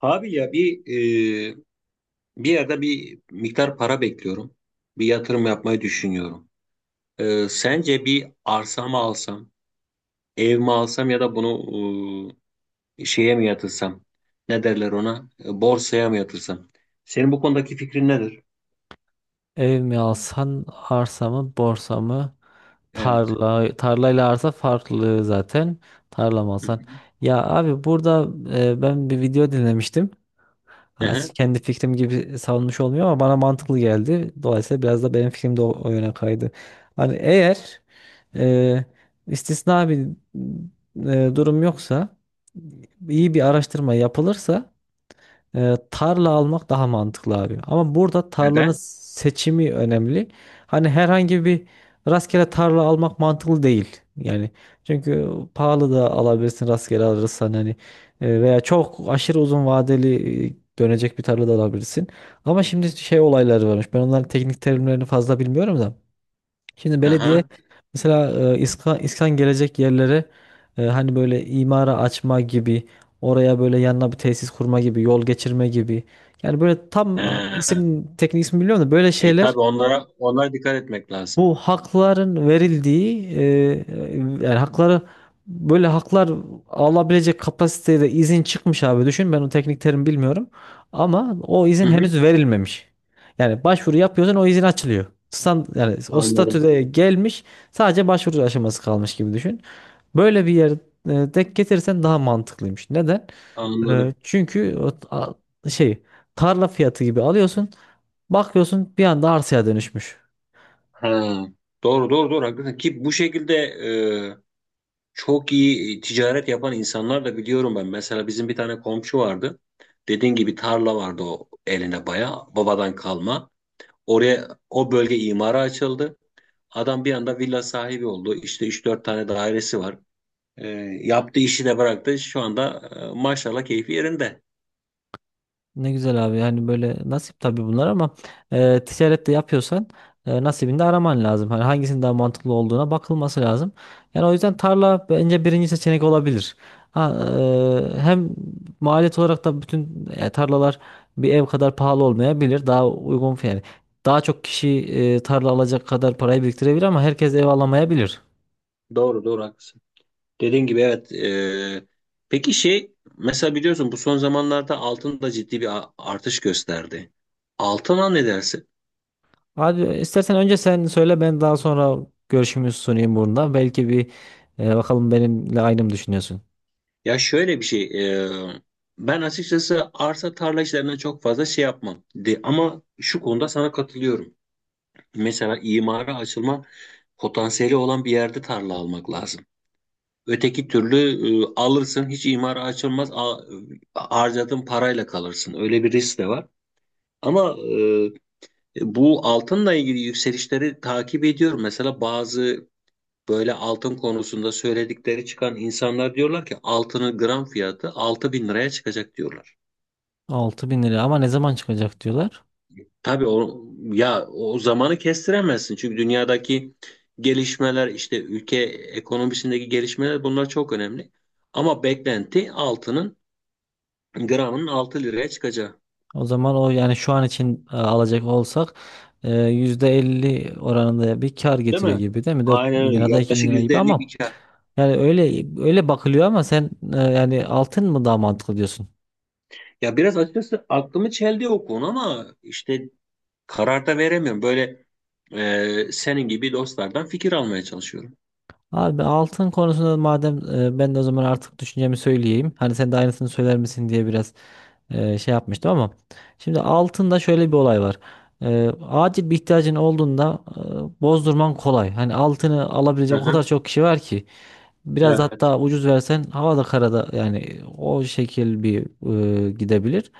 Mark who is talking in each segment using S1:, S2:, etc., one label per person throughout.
S1: Abi ya e, bir yerde bir miktar para bekliyorum. Bir yatırım yapmayı düşünüyorum. Sence bir arsa mı alsam, ev mi alsam ya da bunu şeye mi yatırsam? Ne derler ona? Borsaya mı yatırsam? Senin bu konudaki fikrin nedir?
S2: Ev mi alsan, arsa mı, borsa mı?
S1: Evet.
S2: Tarla, tarlayla arsa farklı zaten. Tarla mı
S1: Hı
S2: alsan?
S1: hı.
S2: Ya abi burada ben bir video dinlemiştim.
S1: Hı
S2: Ha,
S1: hı.
S2: kendi fikrim gibi savunmuş olmuyor ama bana mantıklı geldi. Dolayısıyla biraz da benim fikrim de o yöne kaydı. Hani eğer e, istisna bir durum yoksa iyi bir araştırma yapılırsa tarla almak daha mantıklı abi. Ama burada tarlanın
S1: Neden?
S2: seçimi önemli. Hani herhangi bir rastgele tarla almak mantıklı değil. Yani çünkü pahalı da alabilirsin rastgele alırsan hani. Veya çok aşırı uzun vadeli dönecek bir tarla da alabilirsin. Ama şimdi şey olayları varmış. Ben onların teknik terimlerini fazla bilmiyorum da. Şimdi belediye
S1: Aha.
S2: mesela İSKA, İSKAN gelecek yerlere, hani böyle imara açma gibi, oraya böyle yanına bir tesis kurma gibi, yol geçirme gibi, yani böyle tam
S1: He.
S2: isim teknik ismi biliyorum da böyle şeyler,
S1: Tabii onlara dikkat etmek lazım.
S2: bu hakların verildiği, yani hakları, böyle haklar alabilecek kapasitede izin çıkmış abi, düşün ben o teknik terim bilmiyorum ama o
S1: Hı
S2: izin
S1: hı.
S2: henüz verilmemiş. Yani başvuru yapıyorsun o izin açılıyor. Stand, yani o
S1: Anladım.
S2: statüde gelmiş sadece başvuru aşaması kalmış gibi düşün. Böyle bir yer denk getirsen daha mantıklıymış. Neden? E,
S1: Anladım.
S2: çünkü o, a- şey tarla fiyatı gibi alıyorsun, bakıyorsun bir anda arsaya dönüşmüş.
S1: Ha. Doğru, doğru, doğru, haklısın ki bu şekilde, çok iyi ticaret yapan insanlar da biliyorum ben. Mesela bizim bir tane komşu vardı. Dediğin gibi tarla vardı, o eline baya babadan kalma. Oraya o bölge imara açıldı. Adam bir anda villa sahibi oldu. İşte 3-4 tane dairesi var. E, Yaptığı işi de bıraktı. Şu anda maşallah keyfi yerinde.
S2: Ne güzel abi, yani böyle nasip tabii bunlar ama ticaret de yapıyorsan nasibini de araman lazım. Hani hangisinin daha mantıklı olduğuna bakılması lazım. Yani o yüzden tarla bence birinci seçenek olabilir. Ha, hem maliyet olarak da bütün tarlalar bir ev kadar pahalı olmayabilir. Daha uygun yani daha çok kişi tarla alacak kadar parayı biriktirebilir ama herkes ev alamayabilir.
S1: Doğru, doğru, haklısın. Dediğin gibi, evet. Peki, şey, mesela biliyorsun, bu son zamanlarda altın da ciddi bir artış gösterdi. Altına ne dersin?
S2: Abi istersen önce sen söyle, ben daha sonra görüşümü sunayım burada. Belki bakalım benimle aynı mı düşünüyorsun?
S1: Ya şöyle bir şey, e, ben açıkçası arsa tarla işlerine çok fazla şey yapmam. De, ama şu konuda sana katılıyorum. Mesela imara açılma potansiyeli olan bir yerde tarla almak lazım. Öteki türlü alırsın, hiç imara açılmaz, harcadığın parayla kalırsın. Öyle bir risk de var. Ama bu altınla ilgili yükselişleri takip ediyorum. Mesela bazı, böyle altın konusunda söyledikleri çıkan insanlar diyorlar ki altının gram fiyatı 6.000 liraya çıkacak diyorlar.
S2: 6.000 lira ama ne zaman çıkacak diyorlar.
S1: Tabii, o ya, o zamanı kestiremezsin, çünkü dünyadaki gelişmeler, işte ülke ekonomisindeki gelişmeler, bunlar çok önemli. Ama beklenti altının gramının 6 liraya çıkacağı.
S2: O zaman o, yani şu an için alacak olsak %50 oranında bir kar
S1: Değil
S2: getiriyor
S1: mi?
S2: gibi değil mi? Dört
S1: Aynen
S2: bin
S1: öyle.
S2: lirada 2.000
S1: Yaklaşık
S2: lira
S1: yüzde
S2: gibi
S1: elli
S2: ama
S1: bir kar.
S2: yani öyle bakılıyor. Ama sen yani altın mı daha mantıklı diyorsun?
S1: Ya biraz açıkçası aklımı çeldi o konu, ama işte karar da veremiyorum. Böyle senin gibi dostlardan fikir almaya çalışıyorum.
S2: Abi altın konusunda madem, ben de o zaman artık düşüncemi söyleyeyim. Hani sen de aynısını söyler misin diye biraz şey yapmıştım ama şimdi altında şöyle bir olay var. Acil bir ihtiyacın olduğunda bozdurman kolay. Hani altını alabilecek o
S1: Aha,
S2: kadar çok kişi var ki biraz
S1: evet.
S2: hatta ucuz versen havada karada, yani o şekil bir gidebilir.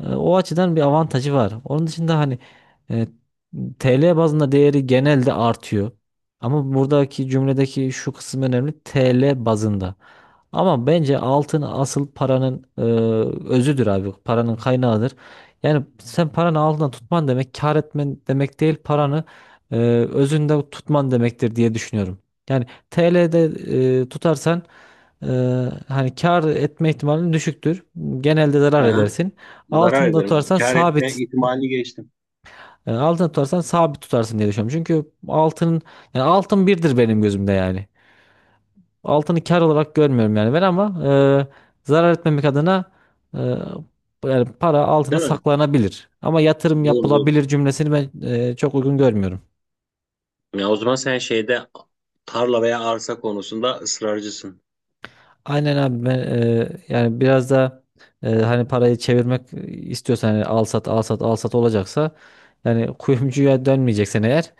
S2: O açıdan bir avantajı var. Onun dışında hani e, TL bazında değeri genelde artıyor. Ama buradaki cümledeki şu kısım önemli. TL bazında. Ama bence altın asıl paranın özüdür abi. Paranın kaynağıdır. Yani sen paranı altında tutman demek kar etmen demek değil, paranı e, özünde tutman demektir diye düşünüyorum. Yani TL'de tutarsan, e, hani kar etme ihtimalin düşüktür. Genelde zarar
S1: Aha,
S2: edersin.
S1: zarar
S2: Altında
S1: ederim.
S2: tutarsan
S1: Kâr etme
S2: sabit,
S1: ihtimalini geçtim.
S2: yani altını tutarsan sabit tutarsın diye düşünüyorum. Çünkü altının, yani altın birdir benim gözümde yani. Altını kar olarak görmüyorum yani ben, ama zarar etmemek adına, e, yani para altına
S1: Değil mi?
S2: saklanabilir. Ama yatırım
S1: Doğru, doğru.
S2: yapılabilir cümlesini ben çok uygun görmüyorum.
S1: Ya o zaman sen şeyde, tarla veya arsa konusunda ısrarcısın.
S2: Aynen abi. Ben yani biraz da hani parayı çevirmek istiyorsan, hani al sat al sat al sat olacaksa, yani kuyumcuya dönmeyeceksen eğer,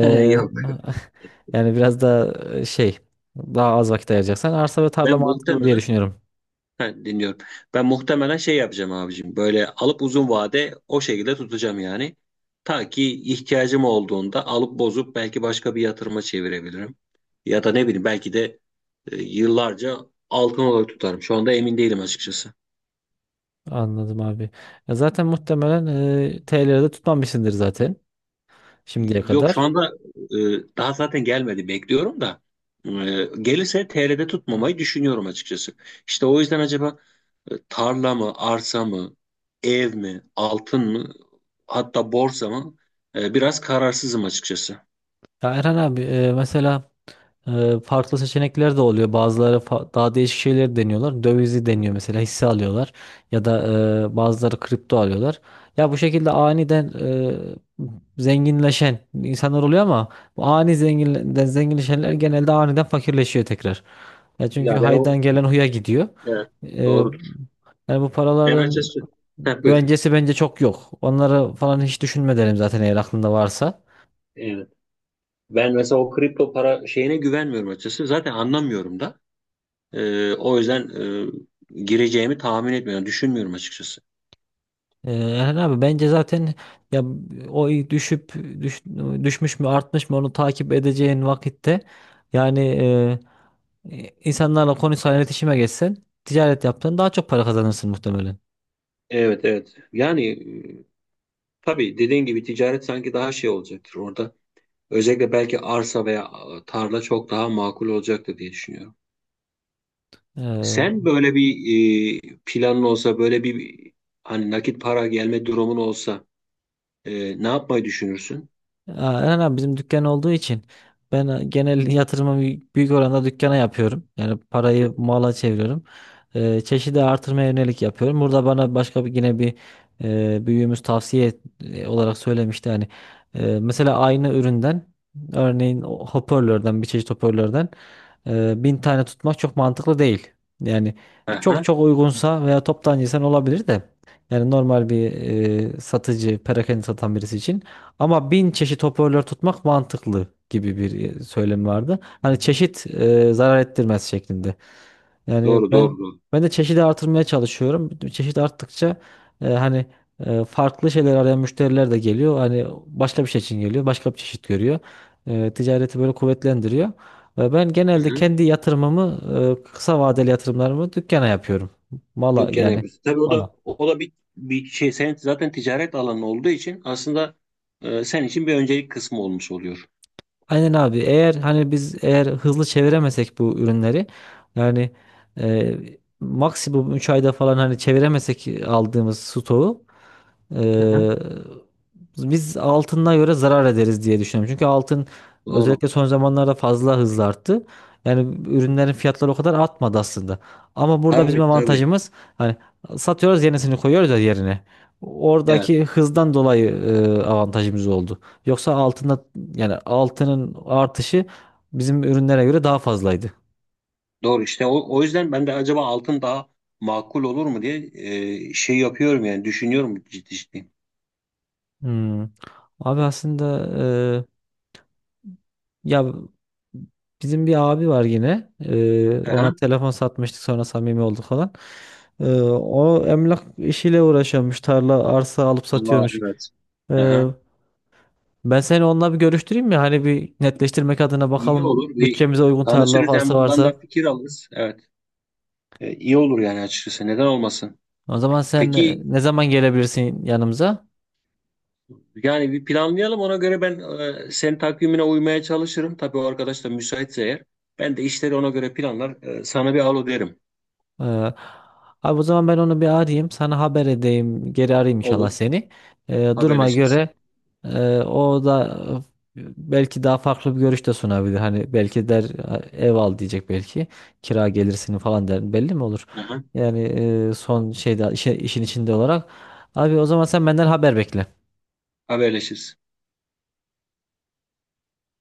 S2: e,
S1: Yok.
S2: Yani biraz da şey, daha az vakit ayıracaksan arsa ve tarla
S1: Ben
S2: mantıklı diye
S1: muhtemelen,
S2: düşünüyorum.
S1: ha, dinliyorum. Ben muhtemelen şey yapacağım abicim. Böyle alıp uzun vade o şekilde tutacağım yani. Ta ki ihtiyacım olduğunda alıp bozup belki başka bir yatırıma çevirebilirim. Ya da ne bileyim, belki de yıllarca altın olarak tutarım. Şu anda emin değilim açıkçası.
S2: Anladım abi. Ya zaten muhtemelen TL'de tutmamışsındır zaten şimdiye
S1: Yok, şu
S2: kadar.
S1: anda e, daha zaten gelmedi, bekliyorum da gelirse TL'de tutmamayı düşünüyorum açıkçası. İşte o yüzden acaba tarla mı, arsa mı, ev mi, altın mı, hatta borsa mı? Biraz kararsızım açıkçası.
S2: Ya Erhan abi, mesela farklı seçenekler de oluyor. Bazıları daha değişik şeyleri deniyorlar. Dövizi deniyor, mesela hisse alıyorlar ya da bazıları kripto alıyorlar. Ya bu şekilde aniden zenginleşen insanlar oluyor ama bu ani zenginleşenler genelde aniden fakirleşiyor tekrar. Ya çünkü
S1: Ya ben
S2: haydan
S1: o,
S2: gelen huya gidiyor.
S1: evet,
S2: Ee,
S1: doğrudur.
S2: yani bu
S1: Ben
S2: paraların
S1: açıkçası. Heh, buyur.
S2: güvencesi bence çok yok. Onları falan hiç düşünme derim zaten eğer aklında varsa.
S1: Evet. Ben mesela o kripto para şeyine güvenmiyorum açıkçası. Zaten anlamıyorum da. O yüzden gireceğimi tahmin etmiyorum, düşünmüyorum açıkçası.
S2: Erhan abi bence zaten, ya o düşüp düş- düşmüş mü artmış mı onu takip edeceğin vakitte, yani insanlarla konuşsan, iletişime geçsen, ticaret yapsan daha çok para kazanırsın muhtemelen.
S1: Evet, evet. Yani e, tabii dediğin gibi ticaret sanki daha şey olacaktır orada. Özellikle belki arsa veya tarla çok daha makul olacaktır diye düşünüyorum.
S2: Ee,
S1: Sen böyle bir planın olsa, böyle bir, hani nakit para gelme durumun olsa ne yapmayı düşünürsün?
S2: Eren abi bizim dükkan olduğu için ben genel yatırımı büyük büyük oranda dükkana yapıyorum. Yani parayı mala çeviriyorum. Çeşidi artırmaya yönelik yapıyorum. Burada bana başka bir, yine bir büyüğümüz tavsiye olarak söylemişti. Yani mesela aynı üründen, örneğin o hoparlörden, bir çeşit hoparlörden 1.000 tane tutmak çok mantıklı değil. Yani çok
S1: Aha,
S2: çok uygunsa veya toptancıysan olabilir de, yani normal bir satıcı, perakende satan birisi için ama 1.000 çeşit hoparlör tutmak mantıklı, gibi bir söylem vardı. Hani çeşit zarar ettirmez şeklinde. Yani
S1: doğru,
S2: ben
S1: doğru, doğru.
S2: ben de çeşidi artırmaya çalışıyorum. Çeşit arttıkça hani farklı şeyler arayan müşteriler de geliyor. Hani başka bir şey için geliyor, başka bir çeşit görüyor. Ticareti böyle kuvvetlendiriyor. Ve ben genelde
S1: Hı-hı.
S2: kendi yatırımımı, kısa vadeli yatırımlarımı dükkana yapıyorum. Mala
S1: Dükkan
S2: yani.
S1: yapıyorsun. Tabii, o da
S2: Mala.
S1: o da bir şey, sen zaten ticaret alanı olduğu için aslında sen için bir öncelik kısmı olmuş oluyor.
S2: Aynen abi. Eğer hani biz eğer hızlı çeviremesek bu ürünleri, yani e, maksimum 3 ayda falan hani çeviremesek aldığımız stoğu, Ee,
S1: Hı-hı.
S2: biz altına göre zarar ederiz diye düşünüyorum. Çünkü altın
S1: Doğru.
S2: özellikle son zamanlarda fazla hızlı arttı. Yani ürünlerin fiyatları o kadar artmadı aslında. Ama burada bizim
S1: Tabii, tabii.
S2: avantajımız, hani satıyoruz, yenisini koyuyoruz ya yerine.
S1: Evet.
S2: Oradaki hızdan dolayı avantajımız oldu. Yoksa altında, yani altının artışı bizim ürünlere göre daha fazlaydı.
S1: Doğru, işte o yüzden ben de acaba altın daha makul olur mu diye şey yapıyorum yani, düşünüyorum ciddi ciddi.
S2: Hmm. Abi aslında, ya bizim bir abi var yine. Ona
S1: Aha.
S2: telefon satmıştık, sonra samimi olduk falan. O emlak işiyle uğraşıyormuş. Tarla arsa alıp
S1: Aa,
S2: satıyormuş.
S1: evet.
S2: Ee,
S1: Aha.
S2: Ben seni onunla bir görüştüreyim mi? Hani bir netleştirmek adına,
S1: İyi
S2: bakalım
S1: olur, bir
S2: bütçemize uygun tarla
S1: tanışırız, hem
S2: varsa
S1: ondan da
S2: varsa.
S1: fikir alırız. Evet. İyi olur yani, açıkçası neden olmasın.
S2: O zaman sen
S1: Peki,
S2: ne zaman gelebilirsin yanımıza?
S1: yani bir planlayalım, ona göre ben senin takvimine uymaya çalışırım. Tabii o arkadaş da müsaitse eğer. Ben de işleri ona göre planlar. Sana bir alo derim.
S2: Ee, abi o zaman ben onu bir arayayım, sana haber edeyim. Geri arayayım inşallah
S1: Olur.
S2: seni. Duruma
S1: Haberleşiriz.
S2: göre o da belki daha farklı bir görüş de sunabilir. Hani belki der ev al diyecek belki. Kira gelirsini falan der, belli mi olur?
S1: Aha.
S2: Yani son şeyde işin içinde olarak. Abi o zaman sen benden haber bekle.
S1: Haberleşiriz.